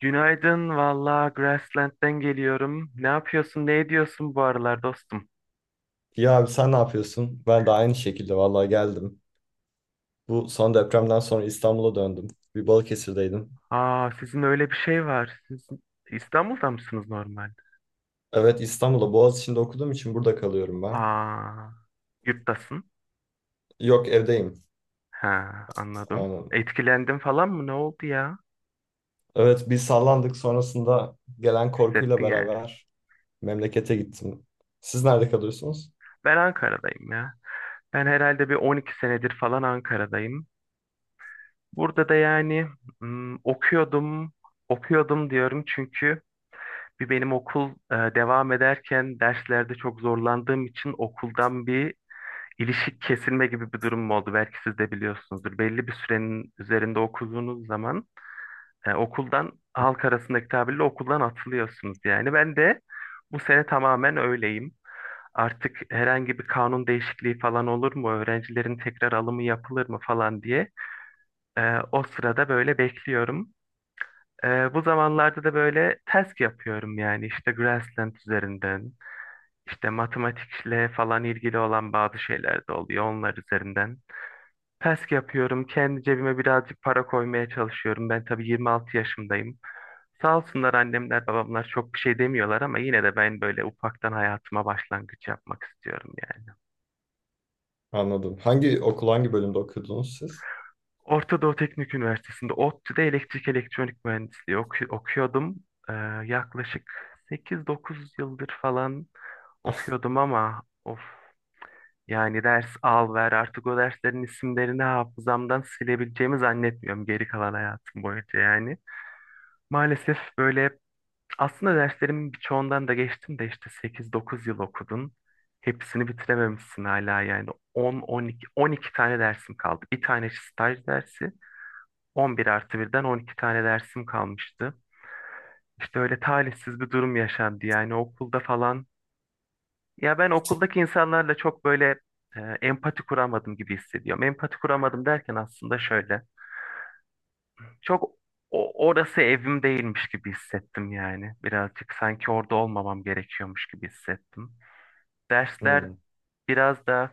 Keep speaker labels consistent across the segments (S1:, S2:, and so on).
S1: Günaydın, valla Grassland'den geliyorum. Ne yapıyorsun, ne ediyorsun bu aralar dostum?
S2: İyi abi sen ne yapıyorsun? Ben de aynı şekilde vallahi geldim. Bu son depremden sonra İstanbul'a döndüm. Bir Balıkesir'deydim.
S1: Aa, sizin öyle bir şey var. Siz İstanbul'da mısınız normalde?
S2: Evet, İstanbul'da Boğaziçi'nde okuduğum için burada kalıyorum ben.
S1: Aa, yurttasın.
S2: Yok, evdeyim.
S1: Ha, anladım.
S2: Aynen.
S1: Etkilendin falan mı? Ne oldu ya?
S2: Evet, biz sallandık, sonrasında gelen korkuyla
S1: Hissettin yani.
S2: beraber memlekete gittim. Siz nerede kalıyorsunuz?
S1: Ben Ankara'dayım ya. Ben herhalde bir 12 senedir falan Ankara'dayım. Burada da yani okuyordum, okuyordum diyorum çünkü bir benim okul devam ederken derslerde çok zorlandığım için okuldan bir ilişik kesilme gibi bir durum oldu. Belki siz de biliyorsunuzdur. Belli bir sürenin üzerinde okuduğunuz zaman okuldan halk arasındaki tabirle okuldan atılıyorsunuz yani. Ben de bu sene tamamen öyleyim. Artık herhangi bir kanun değişikliği falan olur mu? Öğrencilerin tekrar alımı yapılır mı falan diye o sırada böyle bekliyorum. Bu zamanlarda da böyle task yapıyorum yani işte Grassland üzerinden. İşte matematikle falan ilgili olan bazı şeyler de oluyor onlar üzerinden. PESK yapıyorum. Kendi cebime birazcık para koymaya çalışıyorum. Ben tabii 26 yaşındayım. Sağ olsunlar annemler babamlar çok bir şey demiyorlar ama yine de ben böyle ufaktan hayatıma başlangıç yapmak istiyorum yani.
S2: Anladım. Hangi okul, hangi bölümde okudunuz siz?
S1: Orta Doğu Teknik Üniversitesi'nde ODTÜ'de elektrik elektronik mühendisliği okuyordum. Ee, Yaklaşık 8-9 yıldır falan okuyordum ama of. Yani ders al ver artık o derslerin isimlerini hafızamdan silebileceğimi zannetmiyorum geri kalan hayatım boyunca yani. Maalesef böyle aslında derslerimin birçoğundan da geçtim de işte 8-9 yıl okudun. Hepsini bitirememişsin hala yani on iki tane dersim kaldı. Bir tane staj dersi, 11 artı birden 12 tane dersim kalmıştı. İşte öyle talihsiz bir durum yaşandı yani okulda falan. Ya ben okuldaki insanlarla çok böyle empati kuramadım gibi hissediyorum. Empati kuramadım derken aslında şöyle. Çok orası evim değilmiş gibi hissettim yani. Birazcık sanki orada olmamam gerekiyormuş gibi hissettim. Dersler
S2: Hmm.
S1: biraz da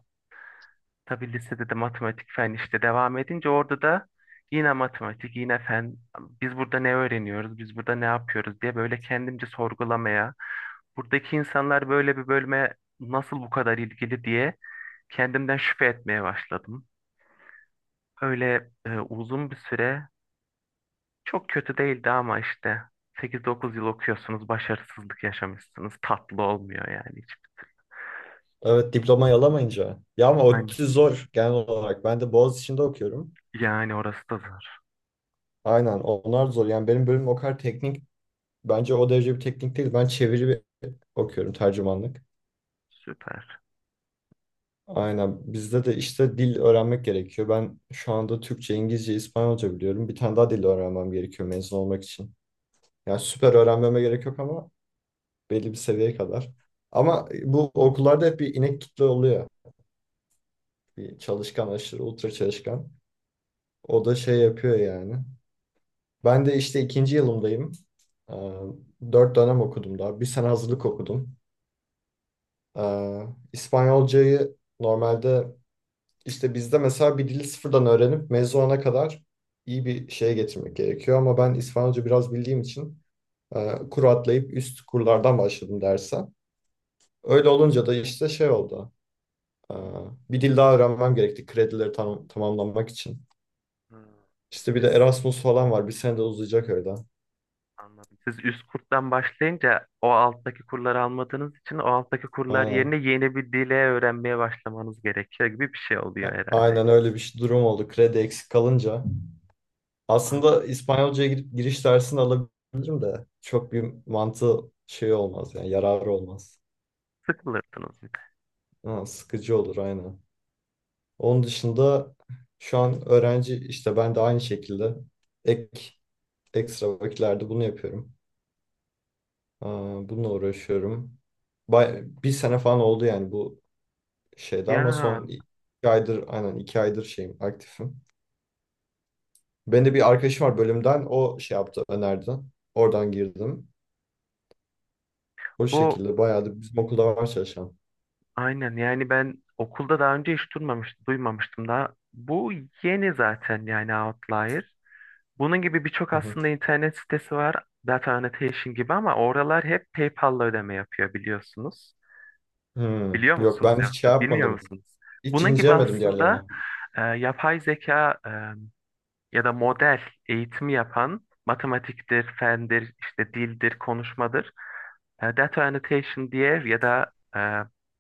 S1: tabii lisede de matematik fen işte devam edince orada da yine matematik yine fen, biz burada ne öğreniyoruz biz burada ne yapıyoruz diye böyle kendimce sorgulamaya, buradaki insanlar böyle bir bölüme nasıl bu kadar ilgili diye kendimden şüphe etmeye başladım. Öyle uzun bir süre çok kötü değildi ama işte 8-9 yıl okuyorsunuz, başarısızlık yaşamışsınız. Tatlı olmuyor yani hiç.
S2: Evet, diplomayı alamayınca. Ya ama
S1: Aynen.
S2: ODTÜ zor genel olarak. Ben de Boğaziçi'nde okuyorum.
S1: Yani orası da zor.
S2: Aynen, onlar zor. Yani benim bölüm o kadar teknik, bence o derece bir teknik değil. Ben çeviri bir okuyorum, tercümanlık.
S1: Süper.
S2: Aynen, bizde de işte dil öğrenmek gerekiyor. Ben şu anda Türkçe, İngilizce, İspanyolca biliyorum. Bir tane daha dil öğrenmem gerekiyor mezun olmak için. Yani süper öğrenmeme gerek yok ama belli bir seviyeye kadar. Ama bu okullarda hep bir inek kitle oluyor. Bir çalışkan, aşırı ultra çalışkan. O da şey yapıyor yani. Ben de işte ikinci yılımdayım. Ee, Dört dönem okudum daha. Bir sene hazırlık okudum. Ee, İspanyolcayı normalde, İşte bizde mesela bir dili sıfırdan öğrenip mezun mezuna kadar iyi bir şeye getirmek gerekiyor. Ama ben İspanyolca biraz bildiğim için kur atlayıp üst kurlardan başladım derse. Öyle olunca da işte şey oldu. e, Bir dil daha öğrenmem gerekti kredileri tamamlamak için.
S1: Hmm.
S2: İşte bir de
S1: Siz,
S2: Erasmus falan var. Bir sene de uzayacak öyle.
S1: anladım. Siz üst kurttan başlayınca o alttaki kurları almadığınız için o alttaki kurlar yerine
S2: Aynen.
S1: yeni bir dile öğrenmeye başlamanız gerekiyor gibi bir şey oluyor herhalde.
S2: Aynen öyle bir durum oldu. Kredi eksik kalınca.
S1: Anladım.
S2: Aslında İspanyolca'ya gidip giriş dersini alabilirim de çok bir mantığı şey olmaz yani, yararı olmaz.
S1: Sıkılırsınız bir de.
S2: Ha, sıkıcı olur aynen. Onun dışında şu an öğrenci, işte ben de aynı şekilde ek ekstra vakitlerde bunu yapıyorum. Aa, bununla uğraşıyorum. Bay, bir sene falan oldu yani bu şeyde,
S1: Ya
S2: ama son iki aydır, aynen iki aydır şeyim, aktifim. Benim de bir arkadaşım var bölümden, o şey yaptı, önerdi. Oradan girdim. O
S1: bu,
S2: şekilde bayağı da bizim okulda var çalışan.
S1: aynen yani ben okulda daha önce hiç duymamıştım daha. Bu yeni zaten yani, Outlier. Bunun gibi birçok
S2: Hı hı.
S1: aslında internet sitesi var. Data Annotation gibi, ama oralar hep PayPal'la ödeme yapıyor biliyorsunuz. Biliyor
S2: Yok,
S1: musunuz
S2: ben hiç
S1: yoksa
S2: şey
S1: bilmiyor
S2: yapmadım.
S1: musunuz?
S2: Hiç
S1: Bunun gibi
S2: incelemedim
S1: aslında
S2: diğerlerine.
S1: yapay zeka, ya da model eğitimi yapan, matematiktir, fendir, işte dildir, konuşmadır. Data Annotation diye ya da e,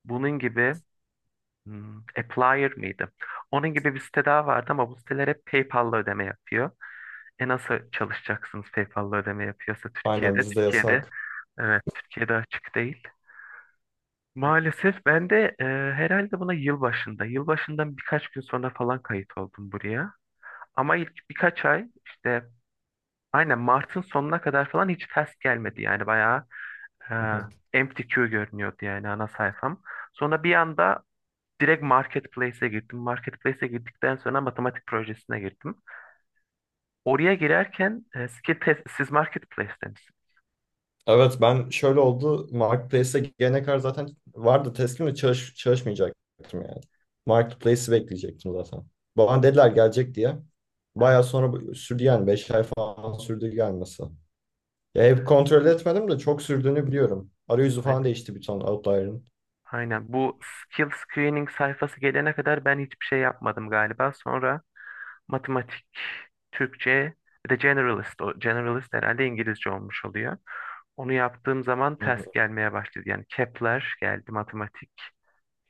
S1: bunun gibi, Applier mıydı? Onun gibi bir site daha vardı ama bu siteler hep PayPal'la ödeme yapıyor. E nasıl çalışacaksınız PayPal'la ödeme yapıyorsa
S2: Aynen,
S1: Türkiye'de?
S2: bizde
S1: Türkiye'de,
S2: yasak.
S1: evet Türkiye'de açık değil. Maalesef ben de herhalde buna yılbaşından birkaç gün sonra falan kayıt oldum buraya. Ama ilk birkaç ay işte aynen Mart'ın sonuna kadar falan hiç test gelmedi. Yani bayağı e,
S2: Hı hı.
S1: empty queue görünüyordu yani ana sayfam. Sonra bir anda direkt marketplace'e girdim. Marketplace'e girdikten sonra matematik projesine girdim. Oraya girerken skill test, siz marketplace'teniz.
S2: Evet, ben şöyle oldu. Marketplace'e gelene kadar zaten vardı, teslim ve çalışmayacaktım yani. Marketplace'i bekleyecektim zaten. Bana dediler gelecek diye.
S1: Aha.
S2: Bayağı sonra sürdü yani, beş ay falan sürdü gelmesi. Ya hep kontrol etmedim de çok sürdüğünü biliyorum. Arayüzü falan
S1: Aynen.
S2: değişti bir ton Outlier'ın.
S1: Aynen. Bu skill screening sayfası gelene kadar ben hiçbir şey yapmadım galiba. Sonra matematik, Türkçe, bir de generalist. O generalist herhalde İngilizce olmuş oluyor. Onu yaptığım zaman test gelmeye başladı. Yani Kepler geldi, matematik.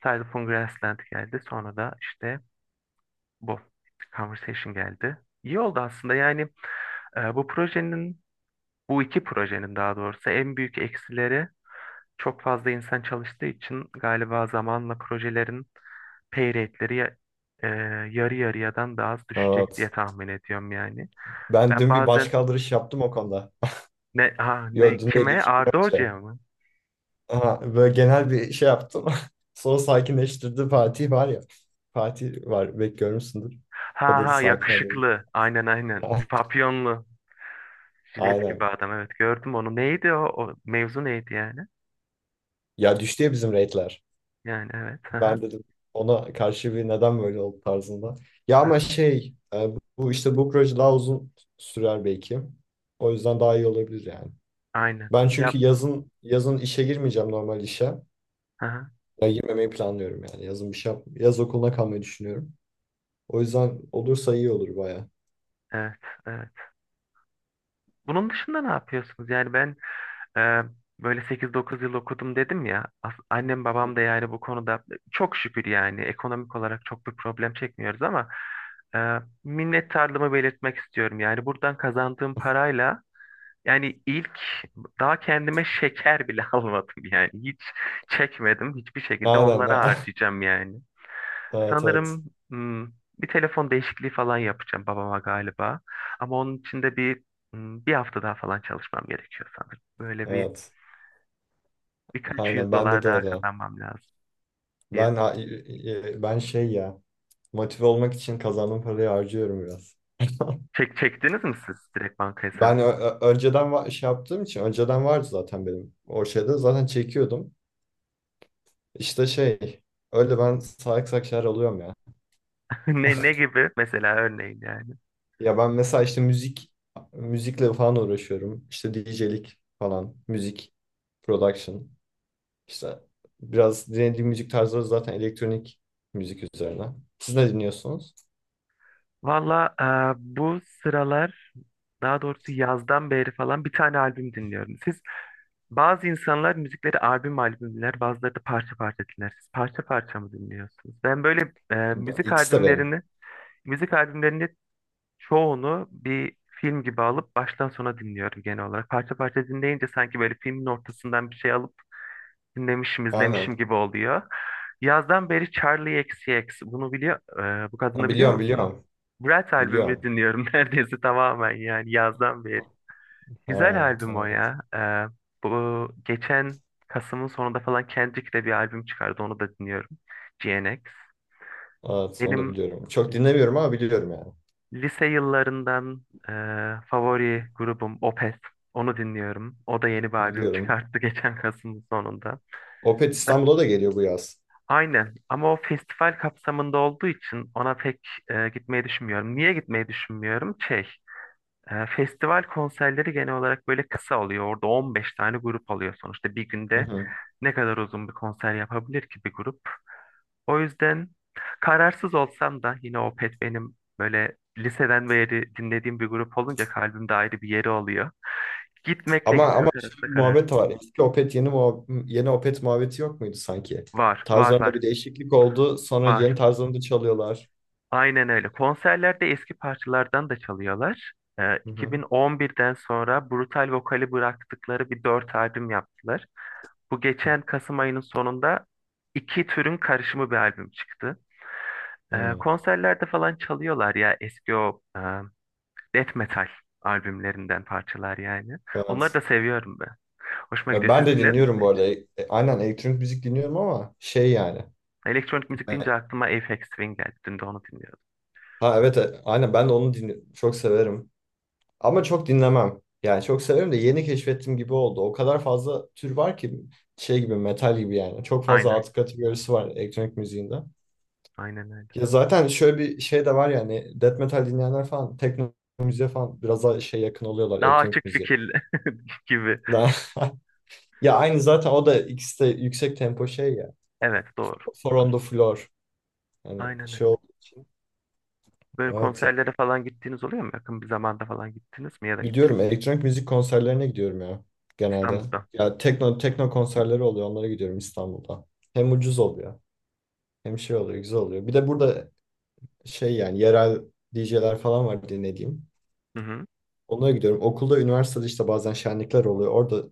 S1: Cycle Grassland geldi. Sonra da işte bu conversation geldi. İyi oldu aslında yani. Bu projenin, bu iki projenin daha doğrusu, en büyük eksileri, çok fazla insan çalıştığı için galiba zamanla projelerin pay rate'leri e, yarı yarıyadan daha az düşecek diye
S2: Evet.
S1: tahmin ediyorum yani.
S2: Ben
S1: Ben
S2: dün bir
S1: bazen
S2: başkaldırış yaptım o konuda.
S1: ne ha ne
S2: Yo, dün değil,
S1: kime,
S2: iki gün
S1: Arda
S2: önce.
S1: Hoca'ya mı?
S2: Aha, böyle genel bir şey yaptım. Sonra sakinleştirdi Fatih var ya. Fatih var, belki görmüşsündür. O
S1: Ha
S2: dedi
S1: ha,
S2: sakin olalım.
S1: yakışıklı. Aynen, aynen. Papyonlu. Jilet gibi
S2: Aynen.
S1: adam, evet gördüm onu. Neydi o? O mevzu neydi yani?
S2: Ya düştü ya bizim rate'ler.
S1: Yani evet. Hı hı.
S2: Ben dedim ona karşı bir neden böyle oldu tarzında. Ya ama
S1: Hı.
S2: şey bu işte, bu proje daha uzun sürer belki. O yüzden daha iyi olabilir yani.
S1: Aynen.
S2: Ben çünkü
S1: Yap.
S2: yazın işe girmeyeceğim, normal işe.
S1: Hı hı.
S2: Ya girmemeyi planlıyorum yani. Yazın bir şey yap. Yaz okuluna kalmayı düşünüyorum. O yüzden olursa iyi olur baya.
S1: Evet. Evet. Bunun dışında ne yapıyorsunuz? Yani ben, Ee, böyle 8-9 yıl okudum dedim ya. Annem
S2: Hı.
S1: babam da yani bu konuda çok şükür yani ekonomik olarak çok bir problem çekmiyoruz ama minnettarlığımı belirtmek istiyorum. Yani buradan kazandığım parayla yani ilk, daha kendime şeker bile almadım yani. Hiç çekmedim. Hiçbir şekilde
S2: Aynen.
S1: onlara
S2: a-
S1: harcayacağım yani.
S2: Evet, evet.
S1: Sanırım hmm, bir telefon değişikliği falan yapacağım babama galiba. Ama onun için de bir hafta daha falan çalışmam gerekiyor sanırım. Böyle bir,
S2: Evet.
S1: birkaç yüz
S2: Aynen, bende
S1: dolar
S2: de
S1: daha
S2: öyle.
S1: kazanmam lazım diye.
S2: Ben ben şey ya, motive olmak için kazandığım parayı harcıyorum biraz.
S1: Çektiniz mi siz direkt banka
S2: Ben
S1: hesabını?
S2: önceden şey yaptığım için önceden vardı zaten, benim o şeyde zaten çekiyordum. İşte şey, öyle ben salak salak şeyler alıyorum ya.
S1: Ne gibi? Mesela örneğin yani.
S2: Ya ben mesela işte müzikle falan uğraşıyorum. İşte DJ'lik falan, müzik, production. İşte biraz dinlediğim müzik tarzları zaten elektronik müzik üzerine. Siz ne dinliyorsunuz?
S1: Valla bu sıralar, daha doğrusu yazdan beri falan bir tane albüm dinliyorum. Siz, bazı insanlar müzikleri albüm albüm dinler, bazıları da parça parça dinler. Siz parça parça mı dinliyorsunuz? Ben böyle
S2: Ben-
S1: müzik
S2: İkisi de benim.
S1: albümlerini çoğunu bir film gibi alıp baştan sona dinliyorum genel olarak. Parça parça dinleyince sanki böyle filmin ortasından bir şey alıp dinlemişim,
S2: Aynen.
S1: izlemişim gibi oluyor. Yazdan beri Charlie XX, bunu biliyor, bu
S2: Ha,
S1: kadını biliyor
S2: biliyorum,
S1: musunuz?
S2: biliyorum.
S1: Brat albümünü
S2: Biliyorum.
S1: dinliyorum neredeyse tamamen yani yazdan beri. Güzel
S2: Ha,
S1: albüm o
S2: evet.
S1: ya. Bu geçen Kasım'ın sonunda falan Kendrick de bir albüm çıkardı. Onu da dinliyorum. GNX,
S2: Evet, onu da
S1: benim
S2: biliyorum. Çok
S1: l-
S2: dinlemiyorum ama biliyorum yani.
S1: lise yıllarından e, favori grubum Opeth. Onu dinliyorum. O da yeni bir albüm
S2: Biliyorum.
S1: çıkarttı geçen Kasım'ın sonunda.
S2: Opet İstanbul'a da geliyor bu yaz.
S1: Aynen ama o festival kapsamında olduğu için ona pek gitmeyi düşünmüyorum. Niye gitmeyi düşünmüyorum? Şey, festival konserleri genel olarak böyle kısa oluyor. Orada 15 tane grup oluyor sonuçta. Bir
S2: Hı
S1: günde
S2: hı.
S1: ne kadar uzun bir konser yapabilir ki bir grup? O yüzden kararsız olsam da yine Opet benim böyle liseden beri dinlediğim bir grup olunca kalbimde ayrı bir yeri oluyor. Gitmekle
S2: Ama
S1: gitmemek
S2: şöyle
S1: arasında
S2: bir muhabbet
S1: kararsız.
S2: de var. Eski Opet yeni yeni Opet muhabbeti yok muydu sanki?
S1: Var, var,
S2: Tarzlarında
S1: var,
S2: bir değişiklik oldu. Sonra yeni
S1: var.
S2: tarzlarını da çalıyorlar.
S1: Aynen öyle. Konserlerde eski parçalardan da çalıyorlar.
S2: Hı hı.
S1: 2011'den sonra Brutal Vokal'i bıraktıkları bir dört albüm yaptılar. Bu geçen Kasım ayının sonunda iki türün karışımı bir albüm çıktı.
S2: Hı hı.
S1: Konserlerde falan çalıyorlar ya eski o death metal albümlerinden parçalar yani. Onları
S2: Evet.
S1: da seviyorum ben. Hoşuma gidiyor.
S2: Ben
S1: Siz
S2: de
S1: dinlediniz
S2: dinliyorum
S1: mi
S2: bu
S1: hiç?
S2: arada. Aynen, elektronik müzik dinliyorum ama şey yani.
S1: Elektronik müzik
S2: Evet.
S1: deyince aklıma Aphex Twin geldi. Dün de onu dinliyordum.
S2: Ha evet, aynen, ben de onu dinliyorum. Çok severim. Ama çok dinlemem. Yani çok severim de yeni keşfettim gibi oldu. O kadar fazla tür var ki, şey gibi, metal gibi yani. Çok fazla
S1: Aynen.
S2: alt kategorisi var elektronik müziğinde.
S1: Aynen öyle.
S2: Ya zaten şöyle bir şey de var yani, death metal dinleyenler falan tekno müziğe falan biraz daha şey yakın oluyorlar
S1: Daha açık
S2: elektronik müziğe.
S1: fikirli gibi.
S2: Ya aynı zaten, o da ikisi de yüksek tempo şey ya.
S1: Evet doğru.
S2: Four on the floor. Yani
S1: Aynen öyle.
S2: şey oldu.
S1: Böyle
S2: Evet ya.
S1: konserlere falan gittiğiniz oluyor mu? Yakın bir zamanda falan gittiniz mi ya da gidecek
S2: Gidiyorum,
S1: misiniz?
S2: elektronik müzik konserlerine gidiyorum ya genelde.
S1: İstanbul'da.
S2: Ya tekno konserleri oluyor, onlara gidiyorum İstanbul'da. Hem ucuz oluyor hem şey oluyor, güzel oluyor. Bir de burada şey yani, yerel DJ'ler falan var dinlediğim.
S1: Hı hı.
S2: Onlara gidiyorum. Okulda, üniversitede işte bazen şenlikler oluyor. Orada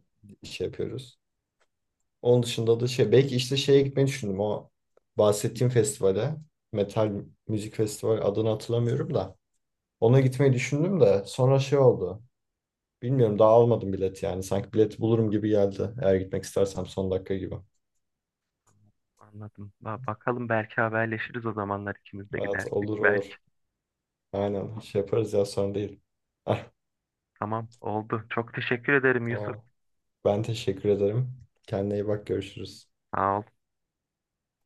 S2: şey yapıyoruz. Onun dışında da şey, belki işte şeye gitmeyi düşündüm, o bahsettiğim festivale, metal müzik festivali, adını hatırlamıyorum da, ona gitmeyi düşündüm de sonra şey oldu. Bilmiyorum, daha almadım bilet yani, sanki bileti bulurum gibi geldi eğer gitmek istersem, son dakika gibi.
S1: Anladım. Bakalım belki haberleşiriz o zamanlar ikimiz de
S2: Evet,
S1: gidersek.
S2: olur
S1: Belki.
S2: olur. Aynen şey yaparız ya, sorun değil. Ah,
S1: Tamam oldu. Çok teşekkür ederim Yusuf.
S2: tamam. Ben teşekkür ederim. Kendine iyi bak, görüşürüz.
S1: Sağ ol.